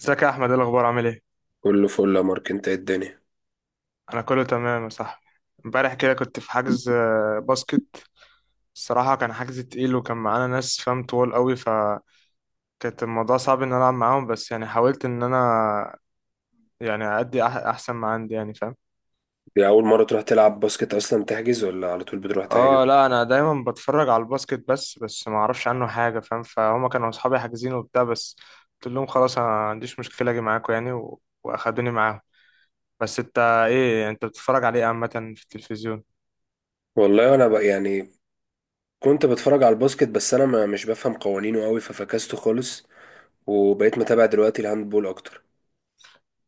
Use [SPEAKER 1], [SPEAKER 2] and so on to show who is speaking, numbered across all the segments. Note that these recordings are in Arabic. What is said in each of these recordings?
[SPEAKER 1] ازيك يا احمد، ايه الاخبار؟ عامل ايه؟
[SPEAKER 2] كله فل يا مارك. انت ايه الدنيا؟
[SPEAKER 1] انا كله تمام يا صاحبي. امبارح كده كنت في حجز باسكت. الصراحه كان حجز تقيل وكان معانا ناس فاهم طوال قوي، فكانت الموضوع صعب ان انا العب معاهم، بس يعني حاولت ان انا يعني ادي احسن ما عندي، يعني فاهم.
[SPEAKER 2] دي اول مره تروح تلعب باسكت اصلا تحجز، ولا على طول بتروح
[SPEAKER 1] اه
[SPEAKER 2] تحجز؟
[SPEAKER 1] لا، انا دايما بتفرج على الباسكت، بس ما اعرفش عنه حاجه، فاهم فهم. كانوا اصحابي حاجزين وبتاع، بس قلت لهم خلاص انا ما عنديش مشكله اجي معاكم يعني واخدوني معاهم. بس انت؟ ايه انت بتتفرج عليه عامه في التلفزيون؟
[SPEAKER 2] والله انا بقى يعني كنت بتفرج على الباسكت، بس انا ما مش بفهم قوانينه قوي ففكسته خالص، وبقيت متابع دلوقتي الهاندبول اكتر.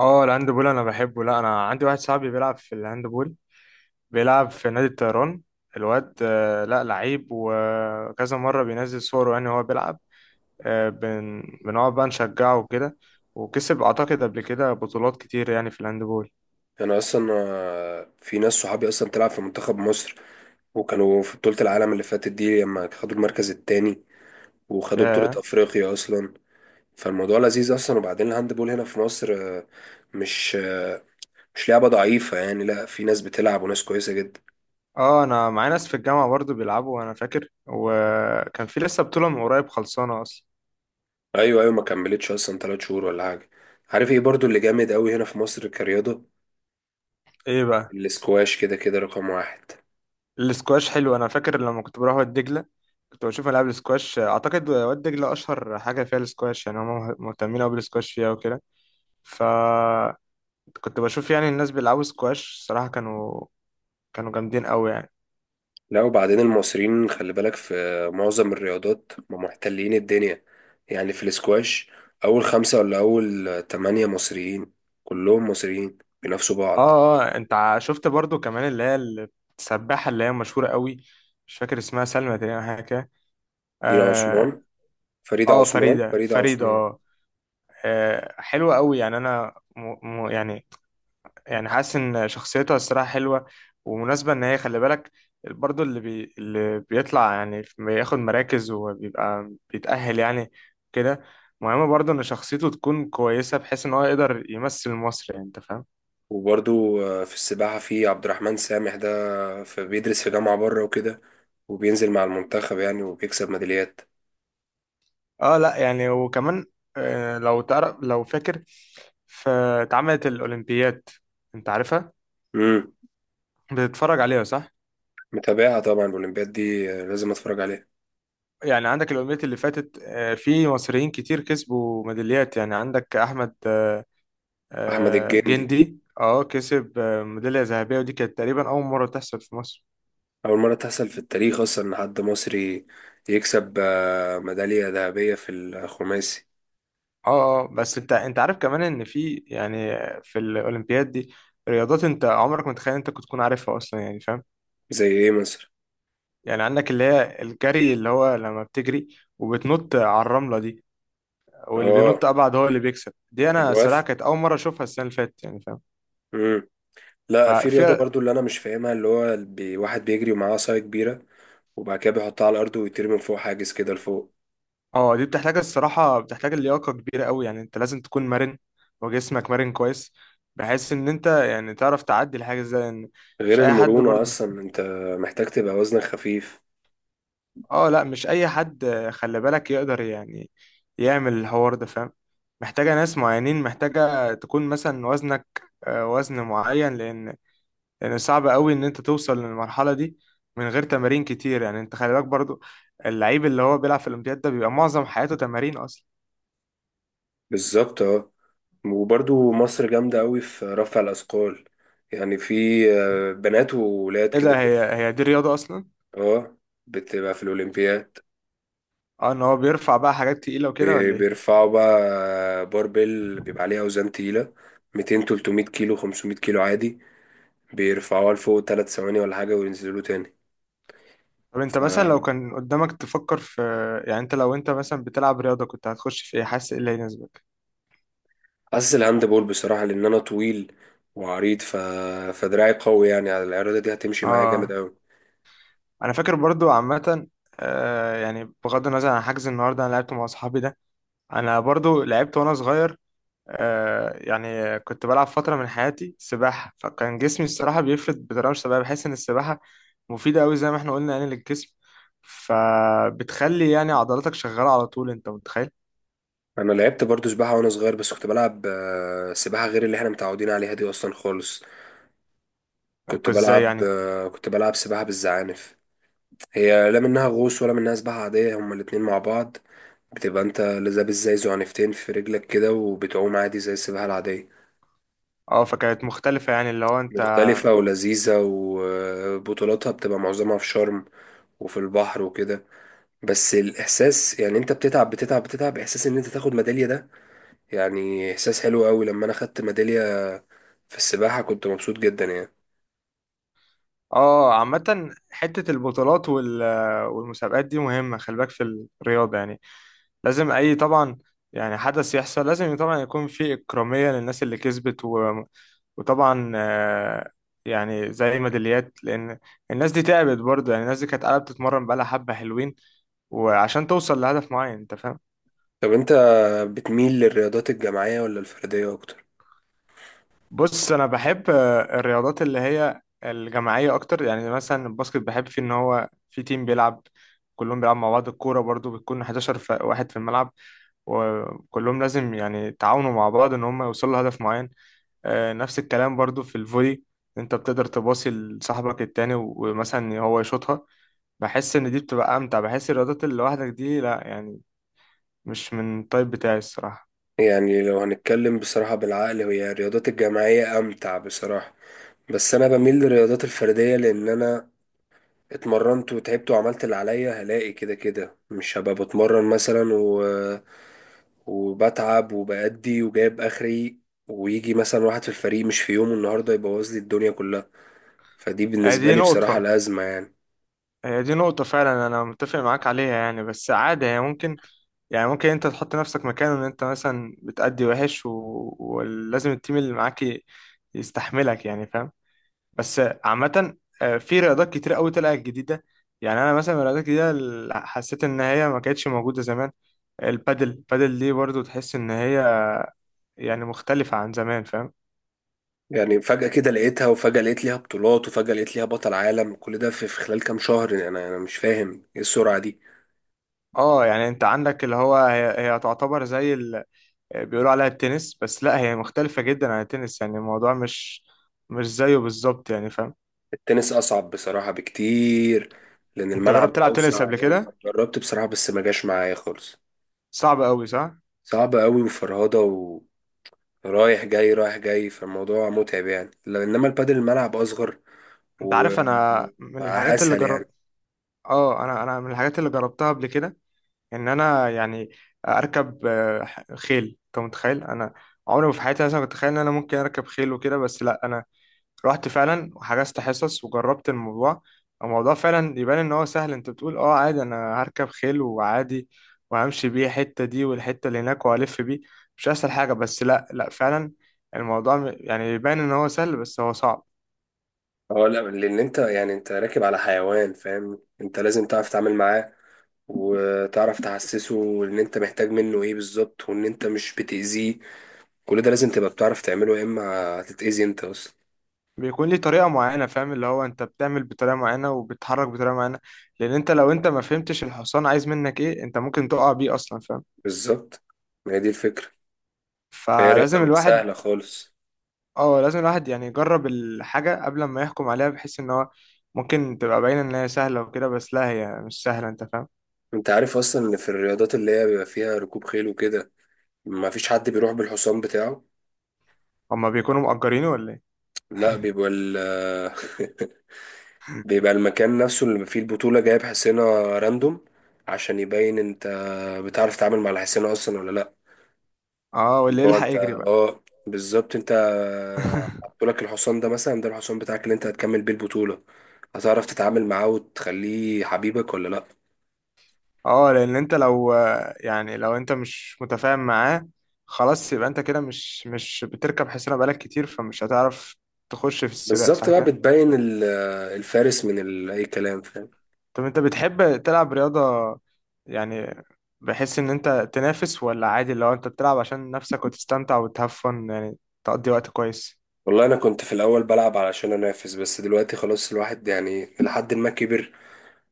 [SPEAKER 1] اه الهاندبول انا بحبه. لا انا عندي واحد صاحبي بيلعب في الهاندبول، بيلعب في نادي الطيران. الواد لا لعيب، وكذا مرة بينزل صوره يعني وهو بيلعب. بنقعد بقى نشجعه وكده، وكسب اعتقد قبل كده بطولات كتير يعني في الهاندبول.
[SPEAKER 2] انا اصلا في ناس صحابي اصلا بتلعب في منتخب مصر، وكانوا في بطوله العالم اللي فاتت دي لما خدوا المركز التاني، وخدوا بطوله
[SPEAKER 1] ياه.
[SPEAKER 2] افريقيا اصلا. فالموضوع لذيذ اصلا، وبعدين الهاندبول هنا في مصر مش آه، مش لعبه ضعيفه يعني، لا في ناس بتلعب وناس كويسه جدا.
[SPEAKER 1] اه انا معايا ناس في الجامعة برضو بيلعبوا، انا فاكر وكان في لسه بطولة من قريب خلصانة اصلا.
[SPEAKER 2] ايوه ايوه، ما كملتش اصلا ثلاث شهور ولا حاجه. عارف ايه برضو اللي جامد قوي هنا في مصر كرياضه؟
[SPEAKER 1] ايه بقى؟
[SPEAKER 2] الاسكواش كده كده رقم واحد.
[SPEAKER 1] السكواش حلو، انا فاكر لما كنت بروح واد دجله كنت بشوف العاب السكواش. اعتقد واد دجله اشهر حاجه فيها السكواش، يعني هم مهتمين قوي بالسكواش فيها وكده. فكنت بشوف يعني الناس بيلعبوا سكواش، صراحه كانوا جامدين قوي يعني.
[SPEAKER 2] لا وبعدين المصريين خلي بالك في معظم الرياضات ما محتلين الدنيا، يعني في الاسكواش اول خمسه ولا اول تمانية مصريين، كلهم مصريين بينافسوا بعض.
[SPEAKER 1] اه اه، انت شفت برضو كمان اللي هي السباحه، اللي هي مشهوره قوي. مش فاكر اسمها، سلمى تقريبا، حاجه كده.
[SPEAKER 2] دينا
[SPEAKER 1] اه.
[SPEAKER 2] عثمان، فريدة عثمان،
[SPEAKER 1] فريده
[SPEAKER 2] فريدة
[SPEAKER 1] فريده،
[SPEAKER 2] عثمان.
[SPEAKER 1] اه. حلوه قوي يعني. انا م... يعني يعني حاسس ان شخصيتها الصراحه حلوه ومناسبه. ان هي خلي بالك برضو اللي بيطلع يعني بياخد مراكز وبيبقى بيتأهل يعني كده. مهم برضو ان شخصيته تكون كويسه بحيث ان هو يقدر يمثل مصر، يعني انت فاهم.
[SPEAKER 2] وبرضو في السباحة في عبد الرحمن سامح ده، في بيدرس في جامعة بره وكده، وبينزل مع المنتخب يعني وبيكسب ميداليات.
[SPEAKER 1] اه لا يعني، وكمان لو تعرف لو فاكر، فاتعملت الاولمبياد، انت عارفها؟
[SPEAKER 2] مم.
[SPEAKER 1] بتتفرج عليها، صح؟
[SPEAKER 2] متابعها طبعا، الأولمبياد دي لازم أتفرج عليها.
[SPEAKER 1] يعني عندك الأولمبيات اللي فاتت في مصريين كتير كسبوا ميداليات. يعني عندك أحمد
[SPEAKER 2] أحمد الجندي،
[SPEAKER 1] جندي كسب ميدالية ذهبية، ودي كانت تقريبا أول مرة تحصل في مصر.
[SPEAKER 2] أول مرة تحصل في التاريخ أصلا إن حد مصري يكسب ميدالية ذهبية في الخماسي.
[SPEAKER 1] اه اه، بس انت عارف كمان ان في يعني في الأولمبياد دي رياضات انت عمرك ما تخيل انت كنت تكون عارفها اصلا، يعني فاهم.
[SPEAKER 2] زي إيه مصر؟
[SPEAKER 1] يعني عندك اللي هي الجري، اللي هو لما بتجري وبتنط على الرملة دي، واللي
[SPEAKER 2] آه،
[SPEAKER 1] بينط ابعد هو اللي بيكسب. دي انا الصراحة
[SPEAKER 2] الوث.
[SPEAKER 1] كانت أول مرة اشوفها السنة اللي فاتت، يعني فاهم.
[SPEAKER 2] مم. لا، في رياضة
[SPEAKER 1] ففي
[SPEAKER 2] برضو اللي أنا مش فاهمها، اللي هو واحد بيجري ومعاه عصاية كبيرة، وبعد كده بيحطها على الأرض ويطير من فوق حاجز كده لفوق.
[SPEAKER 1] اه دي بتحتاج الصراحة، بتحتاج اللياقة كبيرة قوي، يعني انت لازم تكون مرن وجسمك مرن كويس بحيث ان انت يعني تعرف تعدي الحاجة زي ان مش
[SPEAKER 2] غير
[SPEAKER 1] اي حد
[SPEAKER 2] المرونة
[SPEAKER 1] برضه.
[SPEAKER 2] أصلا، أنت محتاج تبقى وزنك خفيف.
[SPEAKER 1] اه لا، مش اي حد خلي بالك يقدر يعني يعمل الحوار ده، فاهم. محتاجة ناس معينين، محتاجة تكون مثلا وزنك وزن معين، لان صعب قوي ان انت توصل للمرحلة دي من غير تمارين كتير، يعني انت خلي بالك برضه اللعيب اللي هو بيلعب في الاولمبياد ده بيبقى معظم حياته تمارين اصلا.
[SPEAKER 2] بالظبط. اه، وبرضو مصر جامدة قوي في رفع الأثقال، يعني في بنات وولاد
[SPEAKER 1] ايه
[SPEAKER 2] كده
[SPEAKER 1] ده؟
[SPEAKER 2] كده.
[SPEAKER 1] هي دي رياضة اصلا؟
[SPEAKER 2] اه بتبقى في الأولمبياد.
[SPEAKER 1] اه، ان هو بيرفع بقى حاجات تقيلة وكده ولا ايه؟
[SPEAKER 2] بيرفعوا بقى باربل بيبقى عليها أوزان تقيلة، 200 300 كيلو 500 كيلو عادي، بيرفعوها لفوق 3 ثواني ولا حاجة وينزلوا تاني.
[SPEAKER 1] طب انت
[SPEAKER 2] ف
[SPEAKER 1] مثلا لو كان قدامك تفكر في، يعني لو انت مثلا بتلعب رياضة كنت هتخش في ايه؟ حاسس ايه اللي هيناسبك؟
[SPEAKER 2] حاسس الهاند بول بصراحة، لأن أنا طويل وعريض فدراعي قوي يعني، على العرضة دي هتمشي معايا جامد
[SPEAKER 1] اه
[SPEAKER 2] أوي.
[SPEAKER 1] انا فاكر برضو عامة. يعني بغض النظر عن حجز النهاردة انا لعبت مع اصحابي ده، انا برضو لعبت وانا صغير. يعني كنت بلعب فترة من حياتي سباحة، فكان جسمي الصراحة بيفرد بطريقة مش طبيعية. بحس ان السباحة مفيدة قوي زي ما احنا قلنا يعني للجسم، فبتخلي يعني عضلاتك شغالة على طول. انت متخيل؟
[SPEAKER 2] انا لعبت برضو سباحه وانا صغير، بس كنت بلعب سباحه غير اللي احنا متعودين عليها دي اصلا خالص.
[SPEAKER 1] ازاي يعني؟
[SPEAKER 2] كنت بلعب سباحه بالزعانف. هي لا منها غوص ولا منها سباحه عاديه، هما الاتنين مع بعض. بتبقى انت لابس زي زعنفتين في رجلك كده، وبتعوم عادي زي السباحه العاديه.
[SPEAKER 1] اه، فكانت مختلفة يعني اللي هو انت.
[SPEAKER 2] مختلفه ولذيذه، وبطولاتها بتبقى معظمها في شرم وفي البحر وكده. بس الاحساس يعني، انت بتتعب بتتعب بتتعب، احساس ان انت تاخد ميداليه ده، يعني احساس حلو قوي. لما انا خدت ميدالية في السباحة كنت مبسوط جدا يعني.
[SPEAKER 1] اه عامة حتة البطولات والمسابقات دي مهمة، خلي بالك في الرياضة يعني لازم أي طبعا. يعني حدث يحصل لازم طبعا يكون في إكرامية للناس اللي كسبت وطبعا يعني زي ميداليات، لأن الناس دي تعبت برضه. يعني الناس دي كانت قاعدة بتتمرن بقالها حبة حلوين، وعشان توصل لهدف معين أنت فاهم.
[SPEAKER 2] طب انت بتميل للرياضات الجماعية ولا الفردية اكتر؟
[SPEAKER 1] بص انا بحب الرياضات اللي هي الجماعيه اكتر. يعني مثلا الباسكت بحب فيه ان هو في تيم بيلعب، كلهم بيلعب مع بعض. الكوره برضو بتكون 11 واحد في الملعب، وكلهم لازم يعني يتعاونوا مع بعض ان هم يوصلوا لهدف معين. نفس الكلام برضو في الفولي، انت بتقدر تباصي لصاحبك التاني ومثلا هو يشوطها. بحس ان دي بتبقى امتع. بحس الرياضات اللي لوحدك دي لا يعني، مش من الطيب بتاعي الصراحه.
[SPEAKER 2] يعني لو هنتكلم بصراحة بالعقل، هي الرياضات الجماعية امتع بصراحة، بس انا بميل للرياضات الفردية لان انا اتمرنت وتعبت وعملت اللي عليا، هلاقي كده كده مش هبقى بتمرن مثلا وبتعب وبأدي وجايب اخري، ويجي مثلا واحد في الفريق مش في يومه النهارده يبوظ لي الدنيا كلها. فدي بالنسبة
[SPEAKER 1] دي
[SPEAKER 2] لي بصراحة
[SPEAKER 1] نقطه،
[SPEAKER 2] الأزمة يعني.
[SPEAKER 1] هي دي نقطة فعلا، أنا متفق معاك عليها يعني. بس عادي، هي ممكن، يعني ممكن أنت تحط نفسك مكانه إن أنت مثلا بتأدي وحش ولازم التيم اللي معاك يستحملك، يعني فاهم. بس عامة في رياضات كتير أوي طلعت جديدة. يعني أنا مثلا من الرياضات الجديدة اللي حسيت إن هي ما كانتش موجودة زمان، البادل دي برضو تحس إن هي يعني مختلفة عن زمان، فاهم.
[SPEAKER 2] يعني فجأة كده لقيتها، وفجأة لقيت ليها بطولات، وفجأة لقيت ليها بطل عالم، كل ده في خلال كام شهر، يعني أنا مش فاهم إيه السرعة دي.
[SPEAKER 1] اه يعني انت عندك اللي هو هي تعتبر زي، بيقولوا عليها التنس، بس لا هي مختلفة جدا عن التنس، يعني الموضوع مش زيه بالظبط، يعني فاهم.
[SPEAKER 2] التنس أصعب بصراحة بكتير، لأن
[SPEAKER 1] انت
[SPEAKER 2] الملعب
[SPEAKER 1] جربت تلعب تنس
[SPEAKER 2] أوسع
[SPEAKER 1] قبل كده؟
[SPEAKER 2] وأكبر. جربت بصراحة بس ما جاش معايا خالص.
[SPEAKER 1] صعب قوي، صح؟
[SPEAKER 2] صعبة قوي وفرهضة، ورايح جاي رايح جاي، فالموضوع متعب يعني. إنما البادل الملعب أصغر
[SPEAKER 1] انت عارف انا من الحاجات اللي
[SPEAKER 2] وأسهل يعني.
[SPEAKER 1] جربت، اه انا من الحاجات اللي جربتها قبل كده ان انا يعني اركب خيل. انت متخيل؟ انا عمري ما في حياتي مثلا كنت اتخيل ان انا ممكن اركب خيل وكده، بس لا انا رحت فعلا وحجزت حصص وجربت الموضوع. الموضوع فعلا يبان ان هو سهل، انت بتقول اه عادي انا هركب خيل وعادي وهمشي بيه الحتة دي والحتة اللي هناك وهلف بيه، مش اسهل حاجة. بس لا لا، فعلا الموضوع يعني يبان ان هو سهل بس هو صعب.
[SPEAKER 2] اه لا، لأن أنت يعني أنت راكب على حيوان فاهم، أنت لازم تعرف تتعامل معاه، وتعرف تحسسه ان انت محتاج منه ايه بالظبط، وان انت مش بتأذيه. كل ده لازم تبقى بتعرف تعمله، يا اما هتتأذي انت اصلا.
[SPEAKER 1] بيكون ليه طريقة معينة، فاهم. اللي هو انت بتعمل بطريقة معينة وبتتحرك بطريقة معينة، لان لو انت ما فهمتش الحصان عايز منك ايه، انت ممكن تقع بيه اصلا، فاهم.
[SPEAKER 2] بالظبط، ما هي دي الفكرة. فهي رياضة
[SPEAKER 1] فلازم
[SPEAKER 2] مش
[SPEAKER 1] الواحد
[SPEAKER 2] سهلة خالص.
[SPEAKER 1] اه لازم الواحد يعني يجرب الحاجة قبل ما يحكم عليها، بحيث ان هو ممكن تبقى باينة ان هي سهلة وكده، بس لا هي مش سهلة، انت فاهم.
[SPEAKER 2] انت عارف اصلا ان في الرياضات اللي هي بيبقى فيها ركوب خيل وكده، ما فيش حد بيروح بالحصان بتاعه؟
[SPEAKER 1] هما بيكونوا مأجرينه ولا ايه؟
[SPEAKER 2] لا، بيبقى ال بيبقى المكان نفسه اللي فيه البطولة جايب حصينة راندوم، عشان يبين انت بتعرف تتعامل مع الحصينة اصلا ولا لا.
[SPEAKER 1] اه،
[SPEAKER 2] اللي
[SPEAKER 1] واللي
[SPEAKER 2] هو
[SPEAKER 1] يلحق
[SPEAKER 2] انت،
[SPEAKER 1] يجري بقى.
[SPEAKER 2] اه بالظبط، انت حطولك الحصان ده مثلا، ده الحصان بتاعك اللي انت هتكمل بيه البطولة، هتعرف تتعامل معاه وتخليه حبيبك ولا لا.
[SPEAKER 1] اه، لان انت لو يعني لو انت مش متفاهم معاه، خلاص يبقى انت كده مش بتركب حصانة بقالك كتير، فمش هتعرف تخش في السباق،
[SPEAKER 2] بالظبط،
[SPEAKER 1] صح
[SPEAKER 2] بقى
[SPEAKER 1] كده.
[SPEAKER 2] بتبين الفارس من اي كلام فاهم.
[SPEAKER 1] طب انت بتحب تلعب رياضة يعني، بحس ان انت تنافس ولا عادي لو انت بتلعب عشان نفسك وتستمتع وتهفن، يعني تقضي وقت كويس.
[SPEAKER 2] والله انا كنت في الاول بلعب علشان انافس، بس دلوقتي خلاص، الواحد يعني لحد ما كبر،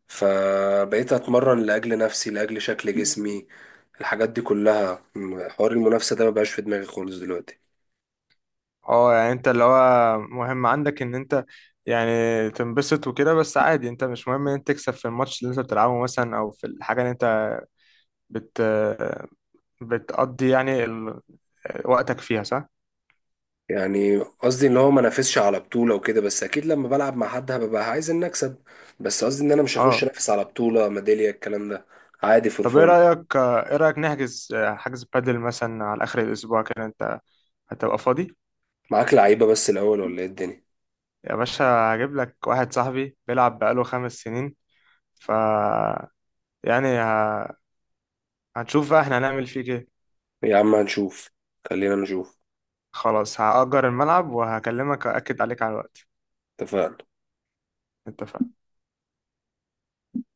[SPEAKER 2] فبقيت اتمرن لاجل نفسي لاجل شكل جسمي، الحاجات دي كلها، حوار المنافسة ده مبقاش في دماغي خالص دلوقتي.
[SPEAKER 1] اه يعني انت اللي هو مهم عندك ان انت يعني تنبسط وكده، بس عادي انت مش مهم ان انت تكسب في الماتش اللي انت بتلعبه مثلا، او في الحاجة اللي انت بت بتقضي يعني وقتك فيها، صح؟
[SPEAKER 2] يعني قصدي ان هو ما نافسش على بطولة وكده، بس اكيد لما بلعب مع حد هبقى عايز ان اكسب، بس قصدي ان انا مش هخش
[SPEAKER 1] اه،
[SPEAKER 2] انافس على بطولة ميدالية الكلام ده. عادي، فور
[SPEAKER 1] طب ايه
[SPEAKER 2] فن.
[SPEAKER 1] رأيك ايه رأيك نحجز حجز بادل مثلا على اخر الاسبوع كده؟ انت هتبقى فاضي؟
[SPEAKER 2] معاك، لعيبة بس الاول ولا ايه الدنيا؟
[SPEAKER 1] يا باشا، هجيب لك واحد صاحبي بيلعب بقاله 5 سنين، ف يعني ه... هنشوف بقى احنا هنعمل فيه ايه.
[SPEAKER 2] يا عم هنشوف، خلينا نشوف.
[SPEAKER 1] خلاص، هأجر الملعب وهكلمك وأكد عليك على الوقت.
[SPEAKER 2] اتفقنا.
[SPEAKER 1] اتفقنا.